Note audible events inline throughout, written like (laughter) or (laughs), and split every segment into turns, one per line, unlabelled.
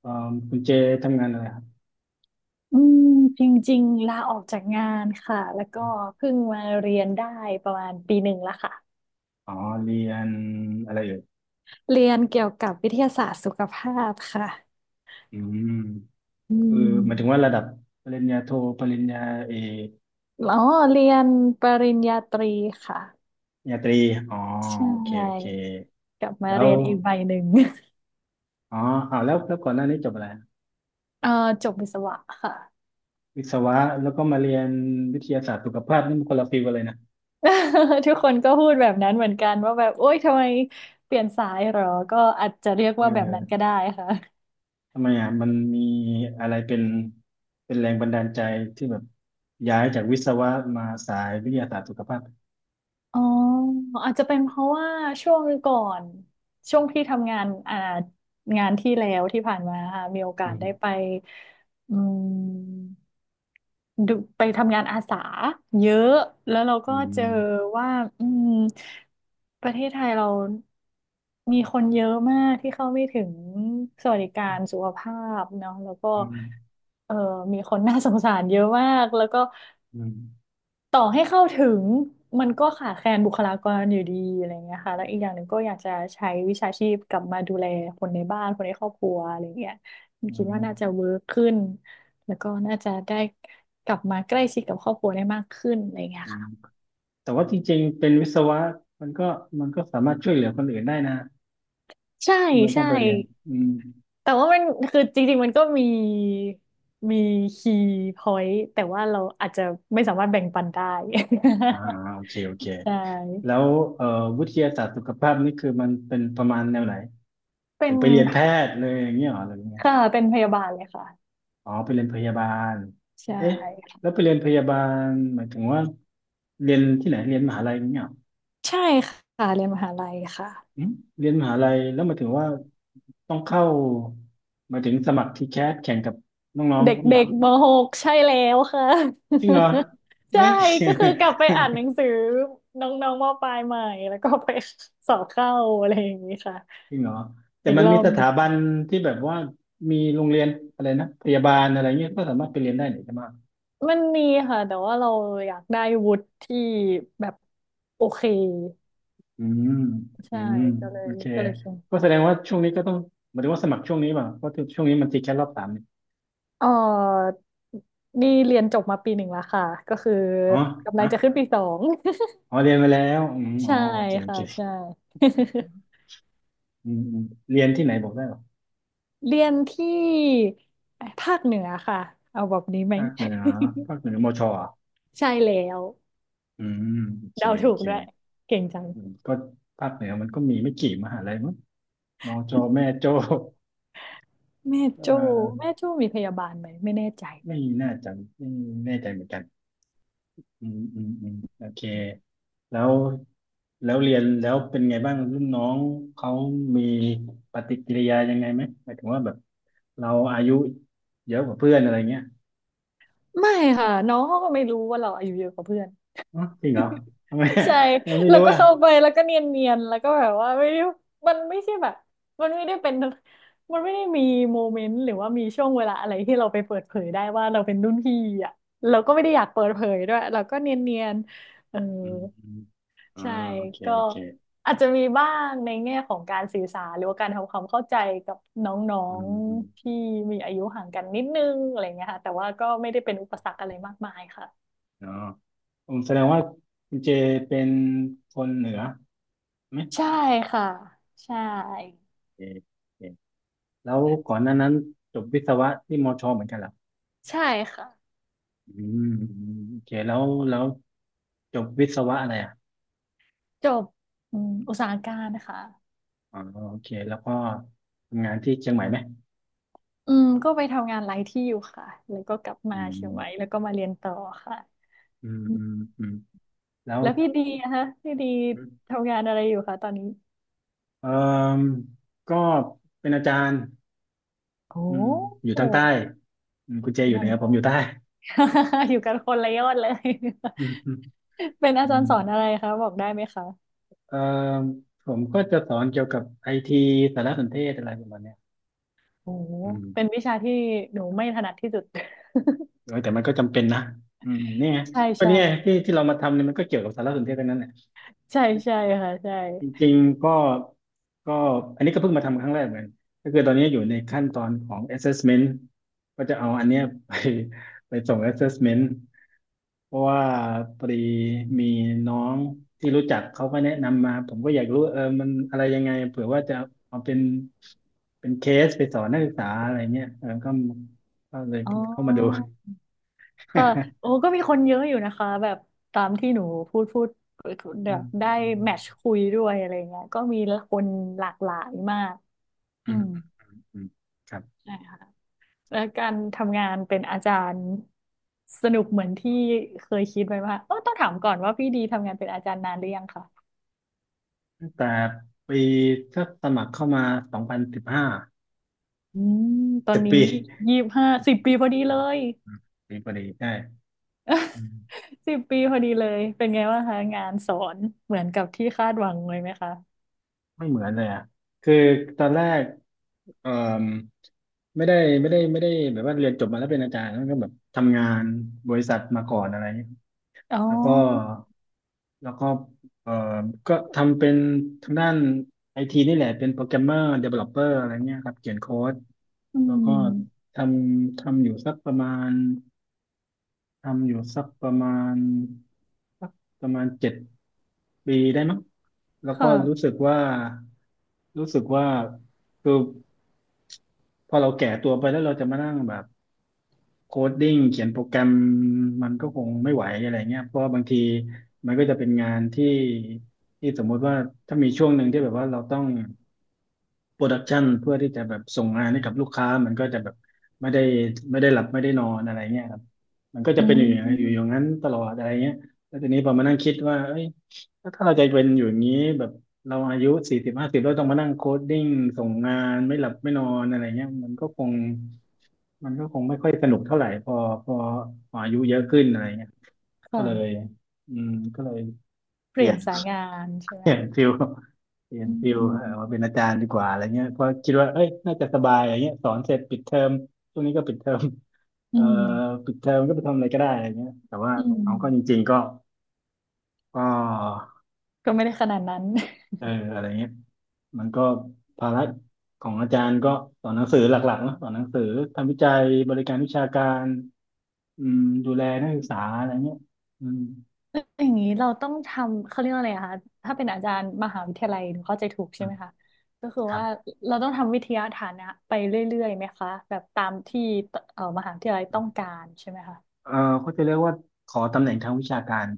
เอ่อคุณเจทำงานอะไรครับ
อืมจริงๆลาออกจากงานค่ะแล้วก็เพิ่งมาเรียนได้ประมาณปีหนึ่งแล้วค่ะ
อ๋อเรียนอะไรเอ่ย
เรียนเกี่ยวกับวิทยาศาสตร์สุขภาพค่ะ
อืม
อื
คือหมายถึงว่า
ม
ระดับปริญญาโทปริญญาเอก
อ๋อเรียนปริญญาตรีค่ะ
ปริญญาตรีอ๋อ
ใช
โอเคโอเค
่กลับมา
แล้ว
เรียนอีกใบหนึ่ง (laughs)
อ๋ออ้าวแล้วก่อนหน้านี้จบอะไร
เออจบวิศวะค่ะ
วิศวะแล้วก็มาเรียนวิทยาศาสตร์สุขภาพนี่มันคนละฟิลกันเลยนะ
(laughs) ทุกคนก็พูดแบบนั้นเหมือนกันว่าแบบโอ๊ยทำไมเปลี่ยนสายเหรอก็อาจจะเรียก
เ
ว่าแบบนั้นก็
ออ
ได้ค่ะ
ทำไมอ่ะมันมีอะไรเป็นแรงบันดาลใจที่แบบย้ายจากวิศวะมาสายวิทยาศาสตร์สุขภาพ
อ๋ออาจจะเป็นเพราะว่าช่วงก่อนช่วงที่ทำงานงานที่แล้วที่ผ่านมาค่ะมีโอกา
อื
ส
ม
ได้ไปอืมดูไปทำงานอาสาเยอะแล้วเรา
อื
ก็เจอ
ม
ว่าอืมประเทศไทยเรามีคนเยอะมากที่เข้าไม่ถึงสวัสดิการสุขภาพเนาะแล้วก็
อืม
เออมีคนน่าสงสารเยอะมากแล้วก็
อืม
ต่อให้เข้าถึงมันก็ขาดแคลนบุคลากรอยู่ดีอะไรเงี้ยค่ะแล้วอีกอย่างหนึ่งก็อยากจะใช้วิชาชีพกลับมาดูแลคนในบ้านคนในครอบครัวอะไรเงี้ย
อื
คิด
ม
ว่าน่าจะเวิร์กขึ้นแล้วก็น่าจะได้กลับมาใกล้ชิดกับครอบครัวได้มากขึ้นอะไรเงี้ย
อืม
ค่ะ
แต่ว่าจริงๆเป็นวิศวะมันก็มันก็สามารถช่วยเหลือคนอื่นได้นะ
ใช่
ทำไมต้อ
ใช่
งไปเรียนอืม
แต่ว่ามันคือจริงๆมันก็มีคีย์พอยต์แต่ว่าเราอาจจะไม่สามารถแบ่งปันได้
อ่าโอเคโอเค
(laughs) ใช
แล้
่
ววิทยาศาสตร์สุขภาพนี่คือมันเป็นประมาณแนวไหน
เป็
ถึ
น
งไปเรียนแพทย์เลยอย่างเงี้ยเหรอหรือยังไง
ค่ะเป็นพยาบาลเลยค่ะ
อ๋อไปเรียนพยาบาล
ใช่
เอ๊ะแล้วไปเรียนพยาบาลหมายถึงว่าเรียนที่ไหนเรียนมหาลัยอย่างเงี้ยเหรอ
ใช่ค่ะเรียนมหาลัย
อื
ค่ะ
มเรียนมหาลัยแล้วหมายถึงว่าต้องเข้าหมายถึงสมัครทีแคสแข่งกับน้อง
เด
ๆเนี่ย
็
เหร
ก
อ
ๆมหกใช่แล้วค่ะ
จริงเหรอ
(laughs) ใช่
ไม่
ก็คือกลับไปอ่านหนัง
(laughs)
สือน้องๆมปลายใหม่แล้วก็ไปสอบเข้าอะไรอย่างนี้ค่ะ
จริงเหรอแต่
อีก
มัน
ร
มี
อบ
ส
ห
ถา
นึ่ง
บันที่แบบว่ามีโรงเรียนอะไรนะพยาบาลอะไรเงี้ยก็สามารถไปเรียนได้หน่ใช่ไหม
มันมีค่ะแต่ว่าเราอยากได้วุฒิที่แบบโอเค
อืมอื
ใช่
ม
ก็เล
โอ
ย
เค
ก็เลยเขียน
ก็แสดงว่าช่วงนี้ก็ต้องหมายถึงว่าสมัครช่วงนี้ป่ะเพราะช่วงนี้มันติดแค่รอบสามนี่
เออนี่เรียนจบมาปีหนึ่งแล้วค่ะก็คือ
อ๋อ
กำลั
ฮะ
งจะขึ้นปี 2
อ๋อเรียนไปแล้วอืม
(laughs)
อ๋
ใช่
อโอเคโอ
ค่ะ
เค
ใช่ (laughs)
อืมอืมเรียนที่ไหนบอกได้เหรอ
เรียนที่ภาคเหนือค่ะเอาแบบนี้ไหม
ภาคเหนือภาคเหนือมชอ่ะ
(laughs) ใช่แล้ว
อืมโอเค
เดา
โอ
ถูก
เค
ด้วยเก่งจัง
อืมก็ภาคเหนือมันก็มีไม่กี่มหาลัยมั้งมชแม่โจ้
แม่
เอ่
โจ้
อ
แม่โจ้มีพยาบาลไหมไม่แน่ใจ
ไม่น่าจะไม่แน่ใจเหมือนกัน อืมอืมอืมโอเคแล้วแล้วเรียนแล้วเป็นไงบ้างรุ่นน้องเขามีปฏิกิริยายังไงไหมหมายถึงว่าแบบเราอายุเยอะกว่าเพื่อนอะไรเงี้ย
ไม่ค่ะน้องเขาก็ไม่รู้ว่าเราอายุเยอะกว่าเพื่อน
อ๋อจริงเหรอทำไม
(laughs) ใช่
(laughs) เราไม่
แล้ว
รู้
ก็
อ่ะ
เข้าไปแล้วก็เนียนๆแล้วก็แบบว่าไม่ได้มันไม่ใช่แบบมันไม่ได้เป็นมันไม่ได้มีโมเมนต์หรือว่ามีช่วงเวลาอะไรที่เราไปเปิดเผยได้ว่าเราเป็นรุ่นพี่อ่ะเราก็ไม่ได้อยากเปิดเผยด้วยเราก็เนียนๆเออ
อืมอืมอ่า
ใช่
โอเค
ก็
โอเค
อาจจะมีบ้างในแง่ของการสื่อสารหรือว่าการทำความเข้าใจกับน้อ
อื
ง
มอืม
ๆที่มีอายุห่างกันนิดนึงอะไรเงี้ยค่ะแต่ว่าก็ไม่ได้เป็นอุปสรรคอะไรมากมายค่ะ
เนาะอืมแสดงว่าคุณเจเป็นคนเหนือไหม
ใช่ค่ะใช่
โอเคโอเคแล้วก่อนหน้านั้นจบวิศวะที่มอชอเหมือนกันเหรอ
ใช่ค่ะ
อืมอืมโอเคแล้วแล้วจบวิศวะอะไรอ่ะ
จบอืมอุตสาหการนะคะ
อ๋อโอเคแล้วก็ทำงานที่เชียงใหม่ไหม
อืมก็ไปทำงานหลายที่อยู่ค่ะแล้วก็กลับมา
อื
เชียงใหม่
ม
แล้วก็มาเรียนต่อค่ะ
อืมอืมอืมแล้ว
แล้วพี่ดีนะคะพี่ดีทำงานอะไรอยู่คะตอนนี้
เออก็เป็นอาจารย์
โอ้
อืมอยู่
อ
ทางใต้อืมคุณเจอ
ยู่
ยู่เห
ทา
นื
ง
อผมอยู่ใต้
(laughs) อยู่กันคนละยอดเลย
อืมอืม
(laughs) เป็นอา
อื
จาร
ม
ย์สอนอะไรคะบอกได้ไหมคะ
เอ่อผมก็จะสอนเกี่ยวกับไอทีสารสนเทศอะไรประมาณเนี้ย
โอ้โห
อืม
เป็นวิชาที่หนูไม่ถนัดที่สุด
เออแต่มันก็จำเป็นนะอืมเนี่ย
(laughs) ใช่
ก็
ใช่
เนี่ยที่ที่เรามาทำเนี่ยมันก็เกี่ยวกับสารสนเทศทั้งนั้นแหละ
ใช่ใช่ค่ะใช่
จริงๆก็อันนี้ก็เพิ่งมาทำครั้งแรกเหมือนกันก็คือตอนนี้อยู่ในขั้นตอนของ assessment ก็จะเอาอันเนี้ยไปส่ง assessment เพราะว่าพอดีมีน้องที่รู้จักเขาก็แนะนำมาผมก็อยากรู้เออมันอะไรยังไงเผื่อว่าจะเอาเป็นเคสไปสอนนักศึกษาอะไรเงี้ยเออก็ก็เลย
อ๋อ
เข้ามาดู
ค่ะโอ้
(laughs)
ก็มีคนเยอะอยู่นะคะแบบตามที่หนูพูดแบ
อื
บ
ม
ได้
อืม
แมทช์คุยด้วยอะไรเงี้ยก็มีคนหลากหลายมาก
อื
อื
ม
ม
อืมอืมครับ
ใช่ค่ะ และการทำงานเป็นอาจารย์สนุกเหมือนที่เคยคิดไว้ว่าเออต้องถามก่อนว่าพี่ดีทำงานเป็นอาจารย์นานหรือยังค่ะ
ตั้งแต่ปีถ้าสมัครเข้ามา2015
อืมตอ
สิ
น
บ
นี้
ปี
25
สิบ
สิ
ปี
บปีพอดี
อื
เล
ม
ย
อืมปีพอดีใช่อื
(laughs)
ม
10 ปีพอดีเลยเป็นไงบ้างคะงานสอนเหมือนกับที่คาดหวังเลยไหมคะ
ไม่เหมือนเลยอ่ะคือตอนแรกเอ่อไม่ได้ไม่ได้แบบว่าเรียนจบมาแล้วเป็นอาจารย์แล้วก็แบบทำงานบริษัทมาก่อนอะไรเงี้ย
อ๋
แล้วก็
อ
แล้วก็เอ่อก็ทำเป็นทางด้านไอทีนี่แหละเป็นโปรแกรมเมอร์เดเวลลอปเปอร์อะไรเงี้ยครับเขียนโค้ด
อื
แล้วก็
ม
ททำอยู่สักประมาณ ทำอยู่สักประมาณสักประมาณ7 ปีได้มั้งแล้วก็
ค่ะ
รู้สึกว่าคือพอเราแก่ตัวไปแล้วเราจะมานั่งแบบโคดดิ้งเขียนโปรแกรมมันก็คงไม่ไหวอะไรเงี้ยเพราะว่าบางทีมันก็จะเป็นงานที่ที่สมมุติว่าถ้ามีช่วงหนึ่งที่แบบว่าเราต้อง โปรดักชันเพื่อที่จะแบบส่งงานให้กับลูกค้ามันก็จะแบบไม่ได้หลับไม่ได้นอนอะไรเงี้ยครับมันก็จะ
อื
เป็นอยู่อย่างนั้นอยู่อย่าง
ม
นั้นตลอดอะไรเงี้ยแล้วทีนี้พอมานั่งคิดว่าเอ้ยแล้วถ้าเราจะเป็นอยู่อย่างนี้แบบเราอายุ40-50แล้วต้องมานั่งโคดดิ้งส่งงานไม่หลับไม่นอนอะไรเงี้ยมันก็คงไม่ค่อยสนุกเท่าไหร่พอพออายุเยอะขึ้นอะไรเงี้ย
ค
ก็เลย
่ะ
ก็เลย
เป
เป
ลี่
ลี่
ย
ย
น
น
สายงานใช่ไห
เป
ม
ลี่ยน
คะ
ฟิลเปลี่ยน
อื
ฟิลมา
ม
เป็นอาจารย์ดีกว่าอะไรเงี้ยเพราะคิดว่าเอ้ยน่าจะสบายอะไรเงี้ยสอนเสร็จปิดเทอมช่วงนี้ก็ปิดเทอม
อื
เอ่อ
ม
ปิดเทอมก็ไปทำอะไรก็ได้อะไรเงี้ยแต่ว่า
อืม
เอาก็จริงๆก็
ก็ไม่ได้ขนาดนั้น
เอออะไรเงี้ยมันก็ภาระของอาจารย์ก็สอนหนังสือหลักๆเนอะสอนหนังสือทำวิจัยบริการวิชาการอืมดูแลนักศึกษาอะไรเงี้ยอืม
อย่างนี้เราต้องทำเขาเรียกว่าอะไรอะคะถ้าเป็นอาจารย์มหาวิทยาลัยหนูเข้าใจถูก
อื
ใช่ไห
ม
มคะก็คือ
ครับ
ว่าเราต้องทำวิทยาฐานะไปเรื่อยๆไหมคะแบบตามที่มหาวิทยาลัยต้องการใช่ไหมคะ
เอ่อเขาจะเรียกว่าขอตำแหน่งทางวิชาการ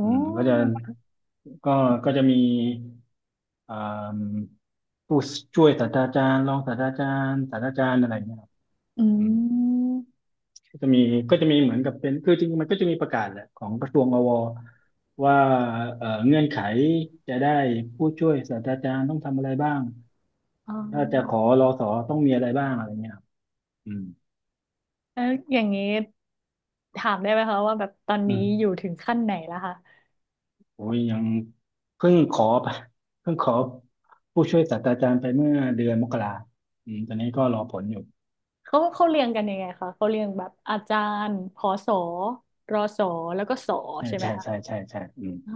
อืมก็จะก็ก็จะมีอ่ามผู้ช่วยศาสตราจารย์รองศาสตราจารย์ศาสตราจารย์อะไรเงี้ยครับ
อื
อืม
ม
ก็จะมีก็จะมีเหมือนกับเป็นคือจริงๆมันก็จะมีประกาศแหละของกระทรวงอวว่าเงื่อนไขจะได้ผู้ช่วยศาสตราจารย์ต้องทำอะไรบ้าง
อ๋อ
ถ้าจะขอรอสอต้องมีอะไรบ้างอะไรเงี้ยครับอืม
แล้วอย่างนี้ถามได้ไหมคะว่าแบบตอน
อื
นี้
ม
อยู่ถึงขั้นไหนแล้วคะ
โอ้ยยังเพิ่งขอไปเพิ่งขอผู้ช่วยศาสตราจารย์ไปเมื่อเดือนมกราอืมตอนนี้ก็รอผลอยู่
เขาเรียงกันยังไงคะเขาเรียงแบบอาจารย์พอสอรอสอแล้วก็สอ
ใช่
ใช่ไหม
ใช่
คะ
ใช่ใช่ใช่อืม
อ๋อ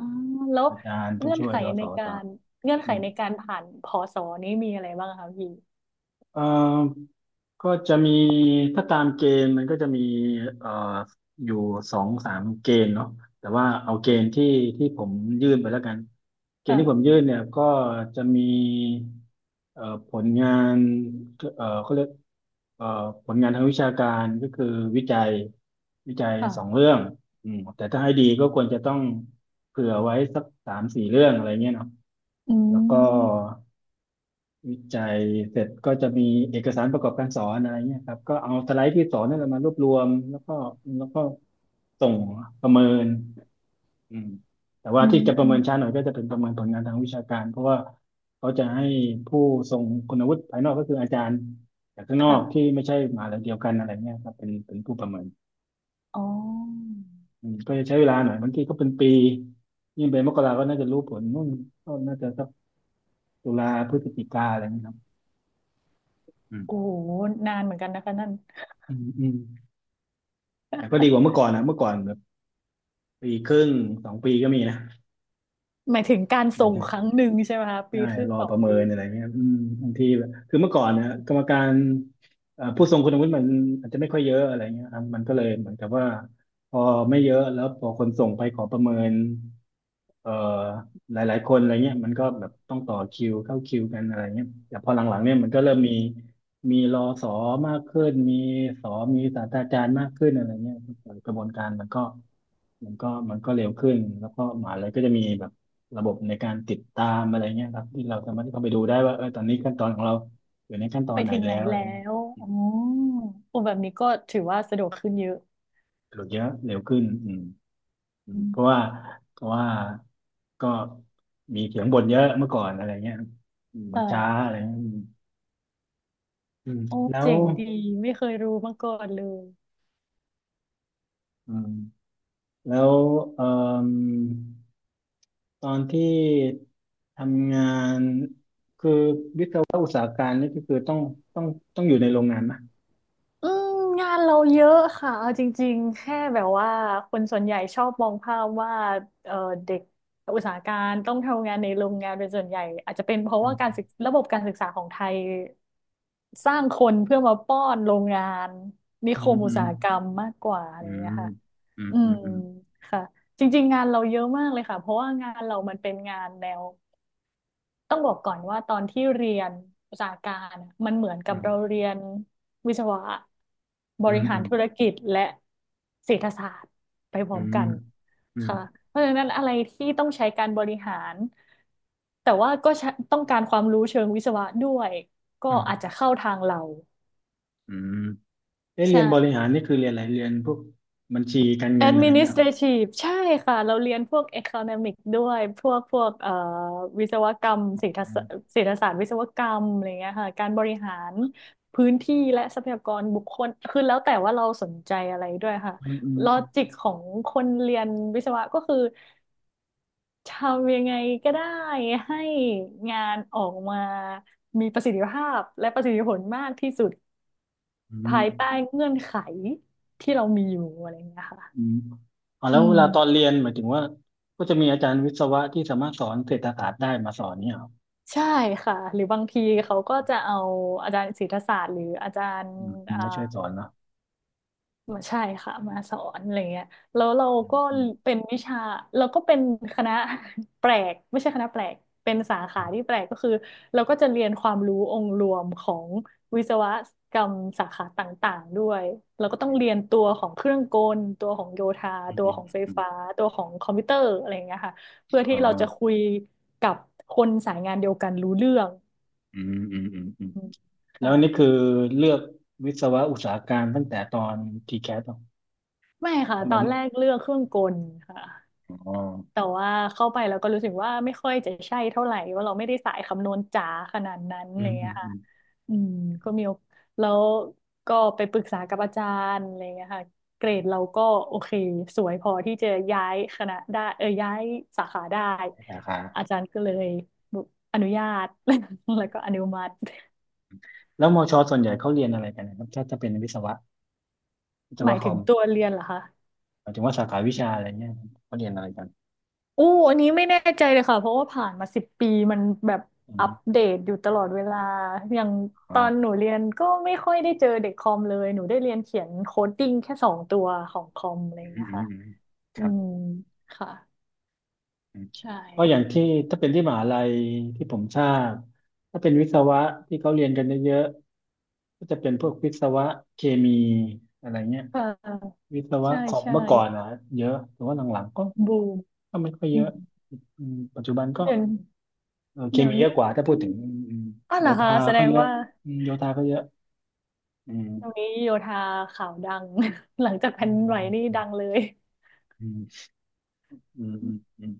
แล้ว
อาจารย์ผู้
เงื่อน
ช่วย
ไข
รส
ในกา
ส
รเงื่อนไข
อืม
ในการผ่านพอสอนี้มีอะไรบ้างคะพี่
เอ่อก็จะมีถ้าตามเกณฑ์มันก็จะมีเอ่ออยู่สองสามเกณฑ์เนาะแต่ว่าเอาเกณฑ์ที่ผมยื่นไปแล้วกัน เกณฑ์ที่ผม
ค่ะ
ยื่นเนี่ยก็จะมีเอ่อผลงานเขาเรียกเอ่อผลงานทางวิชาการก็คือวิจัยวิจัยสอง
ค่ะ
เรื่องอืมแต่ถ้าให้ดีก็ควรจะต้องเผื่อไว้สักสามสี่เรื่องอะไรเงี้ยเนาะ
อื
แล้วก็
ม
วิจัยเสร็จก็จะมีเอกสารประกอบการสอนอะไรเงี้ยครับก็เอาสไลด์ที่สอนนั่นแหละมารวบรวมแล้วก็ส่งประเมินอืมแต่ว่า
อื
ที่
ม
จะประ
อื
เมิ
ม
นช้าหน่อยก็จะเป็นประเมินผลงานทางวิชาการเพราะว่าเขาจะให้ผู้ทรงคุณวุฒิภายนอกก็คืออาจารย์จากข้างนอกที่
ค่ะ
ไม่ใช่มหาลัยเดียวกันอะไรเงี้ยครับเป็นผู้ประเมิน
อ๋อ
อืมก็จะใช้เวลาหน่อยบางทีก็เป็นปียิ่งเป็นมกราก็น่าจะรู้ผลนู่นก็น่าจะสักตุลาพฤศจิกาอะไรเงี้ยครับอื
โอ้
ม
โหนานเหมือนกันนะคะนั่น
อืมอืม แต่ก็ดีกว่าเมื่อก่อนนะเมื่อก่อนแบบปีครึ่งสองปีก็มีนะ
หมายถึงการ
เดี๋
ส่
ยว
ง
นะ
ครั้งหนึ่งใช่ไหมคะ
ใช่
ปีครึ่ง
รอ
สอ
ป
ง
ระเมิ
ปี
นอะไรเงี้ยอืมบางทีแบบคือเมื่อก่อนเนี่ยกรรมการผู้ทรงคุณวุฒิมันอาจจะไม่ค่อยเยอะอะไรเงี้ยครับมันก็เลยเหมือนกับว่าพอไม่เยอะแล้วพอคนส่งไปขอประเมินเอ่อหลายๆคนอะไรเงี้ยมันก็แบบต้องต่อคิวเข้าคิวกันอะไรเงี้ยแต่พอหลังๆเนี่ยมันก็เริ่มมีมีรอสอมากขึ้นมีสอมีศาสตราจารย์มากขึ้นอะไรเงี้ยกระบวนการมันก็มันก็เร็วขึ้นแล้วก็มหาเลัยก็จะมีแบบ ระบบในการติดตามอะไรเงี้ยครับที่เราสามารถที่เข้าไปดูได้ว่าเออตอนนี้ขั้นตอนของเราอยู่ในขั้นตอ
ไป
นไหน
ถึง
แล้
ไหน
วอะไร
แล้
เงี้ย
วอ๋อโอ้แบบนี้ก็ถือว่าสะดวกขึ้นเยอะ
หรือเยอะเร็วขึ้นอืมอื
อื
มเพราะ
ม
ว่าเพราะว่าก็มีเสียงบ่นเยอะเมื่อก่อนอะไรเงี้ยอืมมันช้า
ค่ะ
อะไรเงี้ยอืมอืม
โอ้
แล้ว
เจ๋งดีไม่เคยรู้มาก่อนเลย
อืมแล้วเอ่อตอนที่ทำงานคือวิศวะอุตสาหการนี่ก็คือต้องต้องอยู่ในโรงงานนะ
อืมงานเราเยอะค่ะเอาจริงๆแค่แบบว่าคนส่วนใหญ่ชอบมองภาพว่าเอ่อเด็กอุตสาหการต้องทำงานในโรงงานเป็นส่วนใหญ่อาจจะเป็นเพราะ
อื
ว่าการศึก
ม
ระบบการศึกษาของไทยสร้างคนเพื่อมาป้อนโรงงานนิ
อื
ค
ม
ม
อื
อุต
ม
สาหกรรมมากกว่าอะไร
อื
อย่างเงี้
ม
ยค่ะ
อืม
อื
อื
ม
มอืม
ค่ะจริงๆงานเราเยอะมากเลยค่ะเพราะว่างานเรามันเป็นงานแนว ต้องบอกก่อนว่าตอนที่เรียนระสาหการอะมันเหมือนกั
อื
บ
ม
เราเรียนวิศวะบ
อื
ริ
มอ
หารธุรกิจและเศรษฐศาสตร์ไปพร้
ื
อม
ม
กัน
อืม
ค่ะเพราะฉะนั้นอะไรที่ต้องใช้การบริหารแต่ว่าก็ใช้ต้องการความรู้เชิงวิศวะด้วยก็
อืม
อาจจะเข้าทางเรา
อืมเอ๊ะเรียนบริ
ใช่
หารนี่คือเรียนอะไรเรียนพวกบัญชีการเงินอะไรเงี้ย
Administrative ใช่ค่ะเราเรียนพวก Economic ด้วยพวกวิศวกรรมเศรษฐศาสตร์
อ
เศรษฐศาสตร์วิศวกรรมอะไรเงี้ยค่ะการบริหารพื้นที่และทรัพยากรบุคคลคือแล้วแต่ว่าเราสนใจอะไรด้วยค่ะ
ืมอืม
ลอ
อืม
จิกของคนเรียนวิศวะก็คือทำยังไงก็ได้ให้งานออกมามีประสิทธิภาพและประสิทธิผลมากที่สุด
อืม
ภายใต้เงื่อนไขที่เรามีอยู่อะไรเงี้ยค่ะ
อืมอ๋อแล้
อื
วเว
ม
ลาตอนเรียนหมายถึงว่าก็จะมีอาจารย์วิศวะที่สามารถสอนเศรษฐศาสตร์ได้มาสอนเนี่ย
ใช่ค่ะหรือบางทีเขาก็จะเอาอาจารย์ศิลปศาสตร์หรืออาจารย์
อืม
อ่า
ไม่ช่วยสอนเนาะ
มาใช่ค่ะมาสอนอะไรเงี้ยแล้วเรา
อืม
ก็
อืม
เป็นวิชาเราก็เป็นคณะ (laughs) แปลกไม่ใช่คณะแปลกเป็นสาขาที่แปลกก็คือเราก็จะเรียนความรู้องค์รวมของวิศวกรรมสาขาต่างๆด้วยเราก็ต้องเรียนตัวของเครื่องกลตัวของโยธา
อืม
ตัว
อืม
ของไฟ
อืม
ฟ้าตัวของคอมพิวเตอร์อะไรเงี้ยค่ะเพื่อ
อ๋
ที่
อ
เราจะคุยกับคนสายงานเดียวกันรู้เรื่อง
อืมอืมอืมอืม
อืม
แล้
ค่ะ
วนี่คือเลือกวิศวะอุตสาหการตั้งแต่ตอนทีแคสต้อ
ไม่ค่ะ
ง
ต
มา
อน
เลือ
แร
ก
กเลือกเครื่องกลค่ะ
อ๋อ
แต่ว่าเข้าไปแล้วก็รู้สึกว่าไม่ค่อยจะใช่เท่าไหร่ว่าเราไม่ได้สายคำนวณจ๋าขนาดนั้นอะ
อื
ไร
มอื
เล
ม
ย
อื
ค่ะ
ม
อืมก็มีโอแล้วก็ไปปรึกษากับอาจารย์อะไรเงี้ยค่ะเกรดเราก็โอเคสวยพอที่จะย้ายคณะได้เออย้ายสาขาได้
ใช่สาขา
อาจารย์ก็เลยอนุญาต (laughs) แล้วก็อนุมัติ
แล้วมอชอส่วนใหญ่เขาเรียนอะไรกันนะครับถ้าจะเป็นวิศวะวิศ
หมา
วะ
ย
ค
ถึ
อ
ง
ม
ตัวเรียนเหรอคะ
หมายถึงว่าสาขาวิชาอะไรเนี่ยเขาเรียนอะไรกัน
อู้อันนี้ไม่แน่ใจเลยค่ะเพราะว่าผ่านมา10 ปีมันแบบ
อื
อั
ม
ปเดตอยู่ตลอดเวลาอย่างต
อ๋อ
อนหนูเรียนก็ไม่ค่อยได้เจอเด็กคอมเลยหนูได้เรียนเขียนโคดดิ้งแค่2 ตัวของคอมอะไรอ
อื
ย่าง
ม
เงี้ย
อืม
ค่ะ
อืมค
อื
รับ
มค่ะ
อืม
ใช่
ก็อย่างที่ถ้าเป็นที่มหาลัยที่ผมทราบถ้าเป็นวิศวะที่เขาเรียนกันเยอะๆก็จะเป็นพวกวิศวะเคมีอะไรเงี้ย
ค่ะ
วิศวะ
ใช่
คอม
ใช่
เมื่อก่อนนะเยอะแต่ว่าหลังๆก็
บูม
ก็ไม่ค่อยเย
อื
อะ
ม
อืมปัจจุบันก็
เดี๋ยว
เออเค
เดี๋ยว
มีเยอะ
นี้
กว่าถ้าพูดถึงอืม
อ้าวเห
โย
รอคะ
ธา
แสด
ก็
ง
เยอะ
ว่า
อืมโยธาก็เยอะอื
ตรง
ม
นี้โยธาข่าวดัง (laughs) หลังจากแผ่
อื
นดินไหวนี่ดั
ม
งเลย
อืมอืมอืมอืม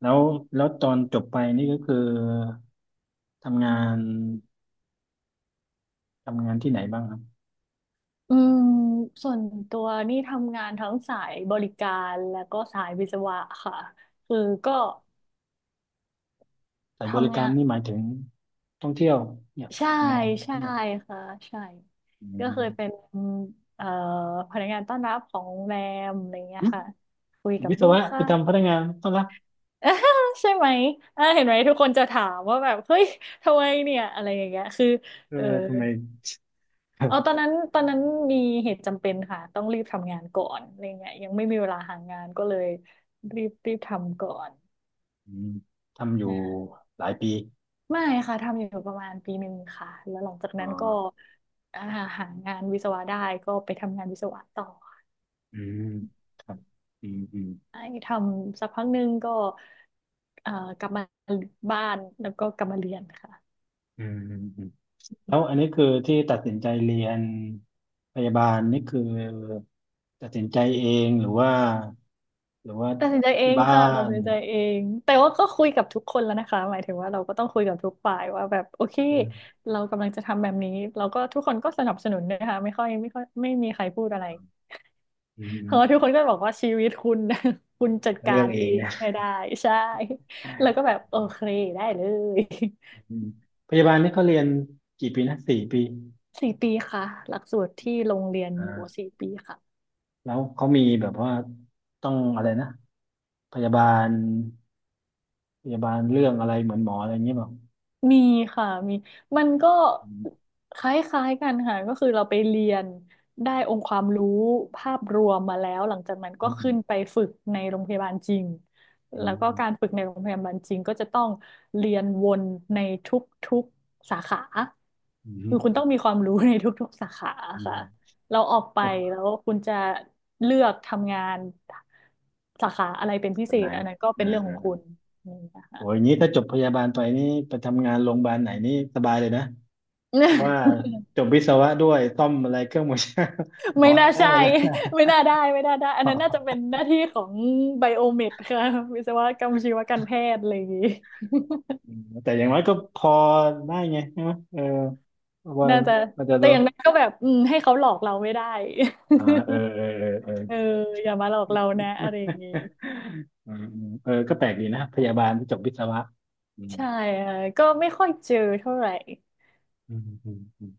แล้วแล้วตอนจบไปนี่ก็คือทำงานทำงานที่ไหนบ้างครับ
อืมส่วนตัวนี่ทำงานทั้งสายบริการแล้วก็สายวิศวะค่ะคือก็
สายบริ
ทำ
กา
งา
ร
น
นี่หมายถึงท่องเที่ยวเนี่ย
ใช่
งาน
ใช่
เนี่ย
ค่ะใช่
อื
ก็เคยเป็น
ม
เอ่อพนักงานต้อนรับของโรงแรมอะไรเงี้
อื
ย
ม
ค่ะคุยกับ
วิศ
ลูก
วะไป
ค้า
ทำพนักงานต้อนรับ
(laughs) ใช่ไหมอ่าเห็นไหมทุกคนจะถามว่าแบบเฮ้ยทำไมเนี่ยอะไรอย่างเงี้ยคือ
เออ
เออ
ทำไม
เออ
(laughs)
ตอนนั้นมีเหตุจำเป็นค่ะต้องรีบทำงานก่อนอะไรเงี้ยยังไม่มีเวลาหางานก็เลยรีบรีบทำก่อน
อืมทำอยู่หลายปี
ไม่ค่ะ ทำอยู่ประมาณปีหนึ่งค่ะแล้วหลังจาก
อ๋อ
นั้นก็อ่าหางานวิศวะได้ก็ไปทำงานวิศวะต่อ
อืมครับอืมอืม
ไอ้ทำสักพักหนึ่งก็เอ่อกลับมาบ้านแล้วก็กลับมาเรียนค่ะ
อืม แล้วอันนี้คือที่ตัดสินใจเรียนพยาบาลนี่คือตัดสินใจเองหรือว่าหรือว่า
ตัดสินใจเอ
ที่
ง
บ้า
ค่ะตัด
น
สินใจเองแต่ว่าก็คุยกับทุกคนแล้วนะคะหมายถึงว่าเราก็ต้องคุยกับทุกฝ่ายว่าแบบโอเค
อืม
เรากำลังจะทำแบบนี้เราก็ทุกคนก็สนับสนุนนะคะไม่ค่อยไม่มีใครพูดอะไร
อื
เพราะว่าทุกค
ม
นก็บอกว่าชีวิตคุณ (laughs) คุณจัดกา
เลือก
ร
เอ
เอ
ง
งให้
นะ
ได้ใช่แล้วก็แบบโอเคได้เลย
อืมพยาบาลนี่เขาเรียนกี่ปีนะสี่ปี
(laughs) สี่ปีค่ะหลักสูตรที่โรงเรียนอยู่
อ่า
สี่ปีค่ะ
แล้วเขามีแบบว่าต้องอะไรนะพยาบาลพยาบาลเรื่องอะไรเหมือนหมออะไรอย่างเงี้ยเปล่า
มีค่ะมีมันก็
อืม
คล้ายๆกันค่ะก็คือเราไปเรียนได้องค์ความรู้ภาพรวมมาแล้วหลังจากนั้น
อื
ก็ขึ้น
ม
ไปฝึกในโรงพยาบาลจริง
อื
แล้วก็การ
ม
ฝึกในโรงพยาบาลจริงก็จะต้องเรียนวนในทุกๆสาขา
อืมอื
คือคุณต้อ
ม
งมีความรู้ในทุกๆสาขา
อื
ค่ะ
ม
เราออกไปแล้
โอ้
วคุณจะเลือกทำงานสาขาอะไรเป็นพิ
แบ
เศ
บไหน
ษอันนั้นก็เป็
อ่
นเรื่องของคุ
า
ณนี่นะ
โอ้
คะ
ยงี้ถ้าจบพยาบาลไปนี่ไปทำงานโรงพยาบาลไหนนี่สบายเลยนะเพราะว่าจบวิศวะด้วยซ่อมอะไรเครื่องมือช่างหมอ
ไม่
อะ
น่า
ไรได้
ใช่
หมดแล้ว
(laughs) ไม่
(laughs)
น่าได้ไม่น่าได้อัน
อ
นั้นน่าจะเป็
อ
นหน้าที่ของไบโอเมดค่ะวิศวกรรมชีวการแพทย์อะไรอย่างงี้
อืมแต่อย่างน้อยก็พอได้ไงใช่ไหมเออว่า
(laughs) น่าจะ
มันจะ
แต่
ดู
อย่างนั้นก็แบบให้เขาหลอกเราไม่ได้
อ่าเออเออเออเออ
(laughs) เอออย่ามาหลอกเรานะอะไรอย่างงี้
(laughs) อืมอืมเออก็แปลกดีนะพยาบาลที่จบวิศวะอืม
ใช่ค่ะก็ไม่ค่อยเจอเท่าไหร่
อืมอืม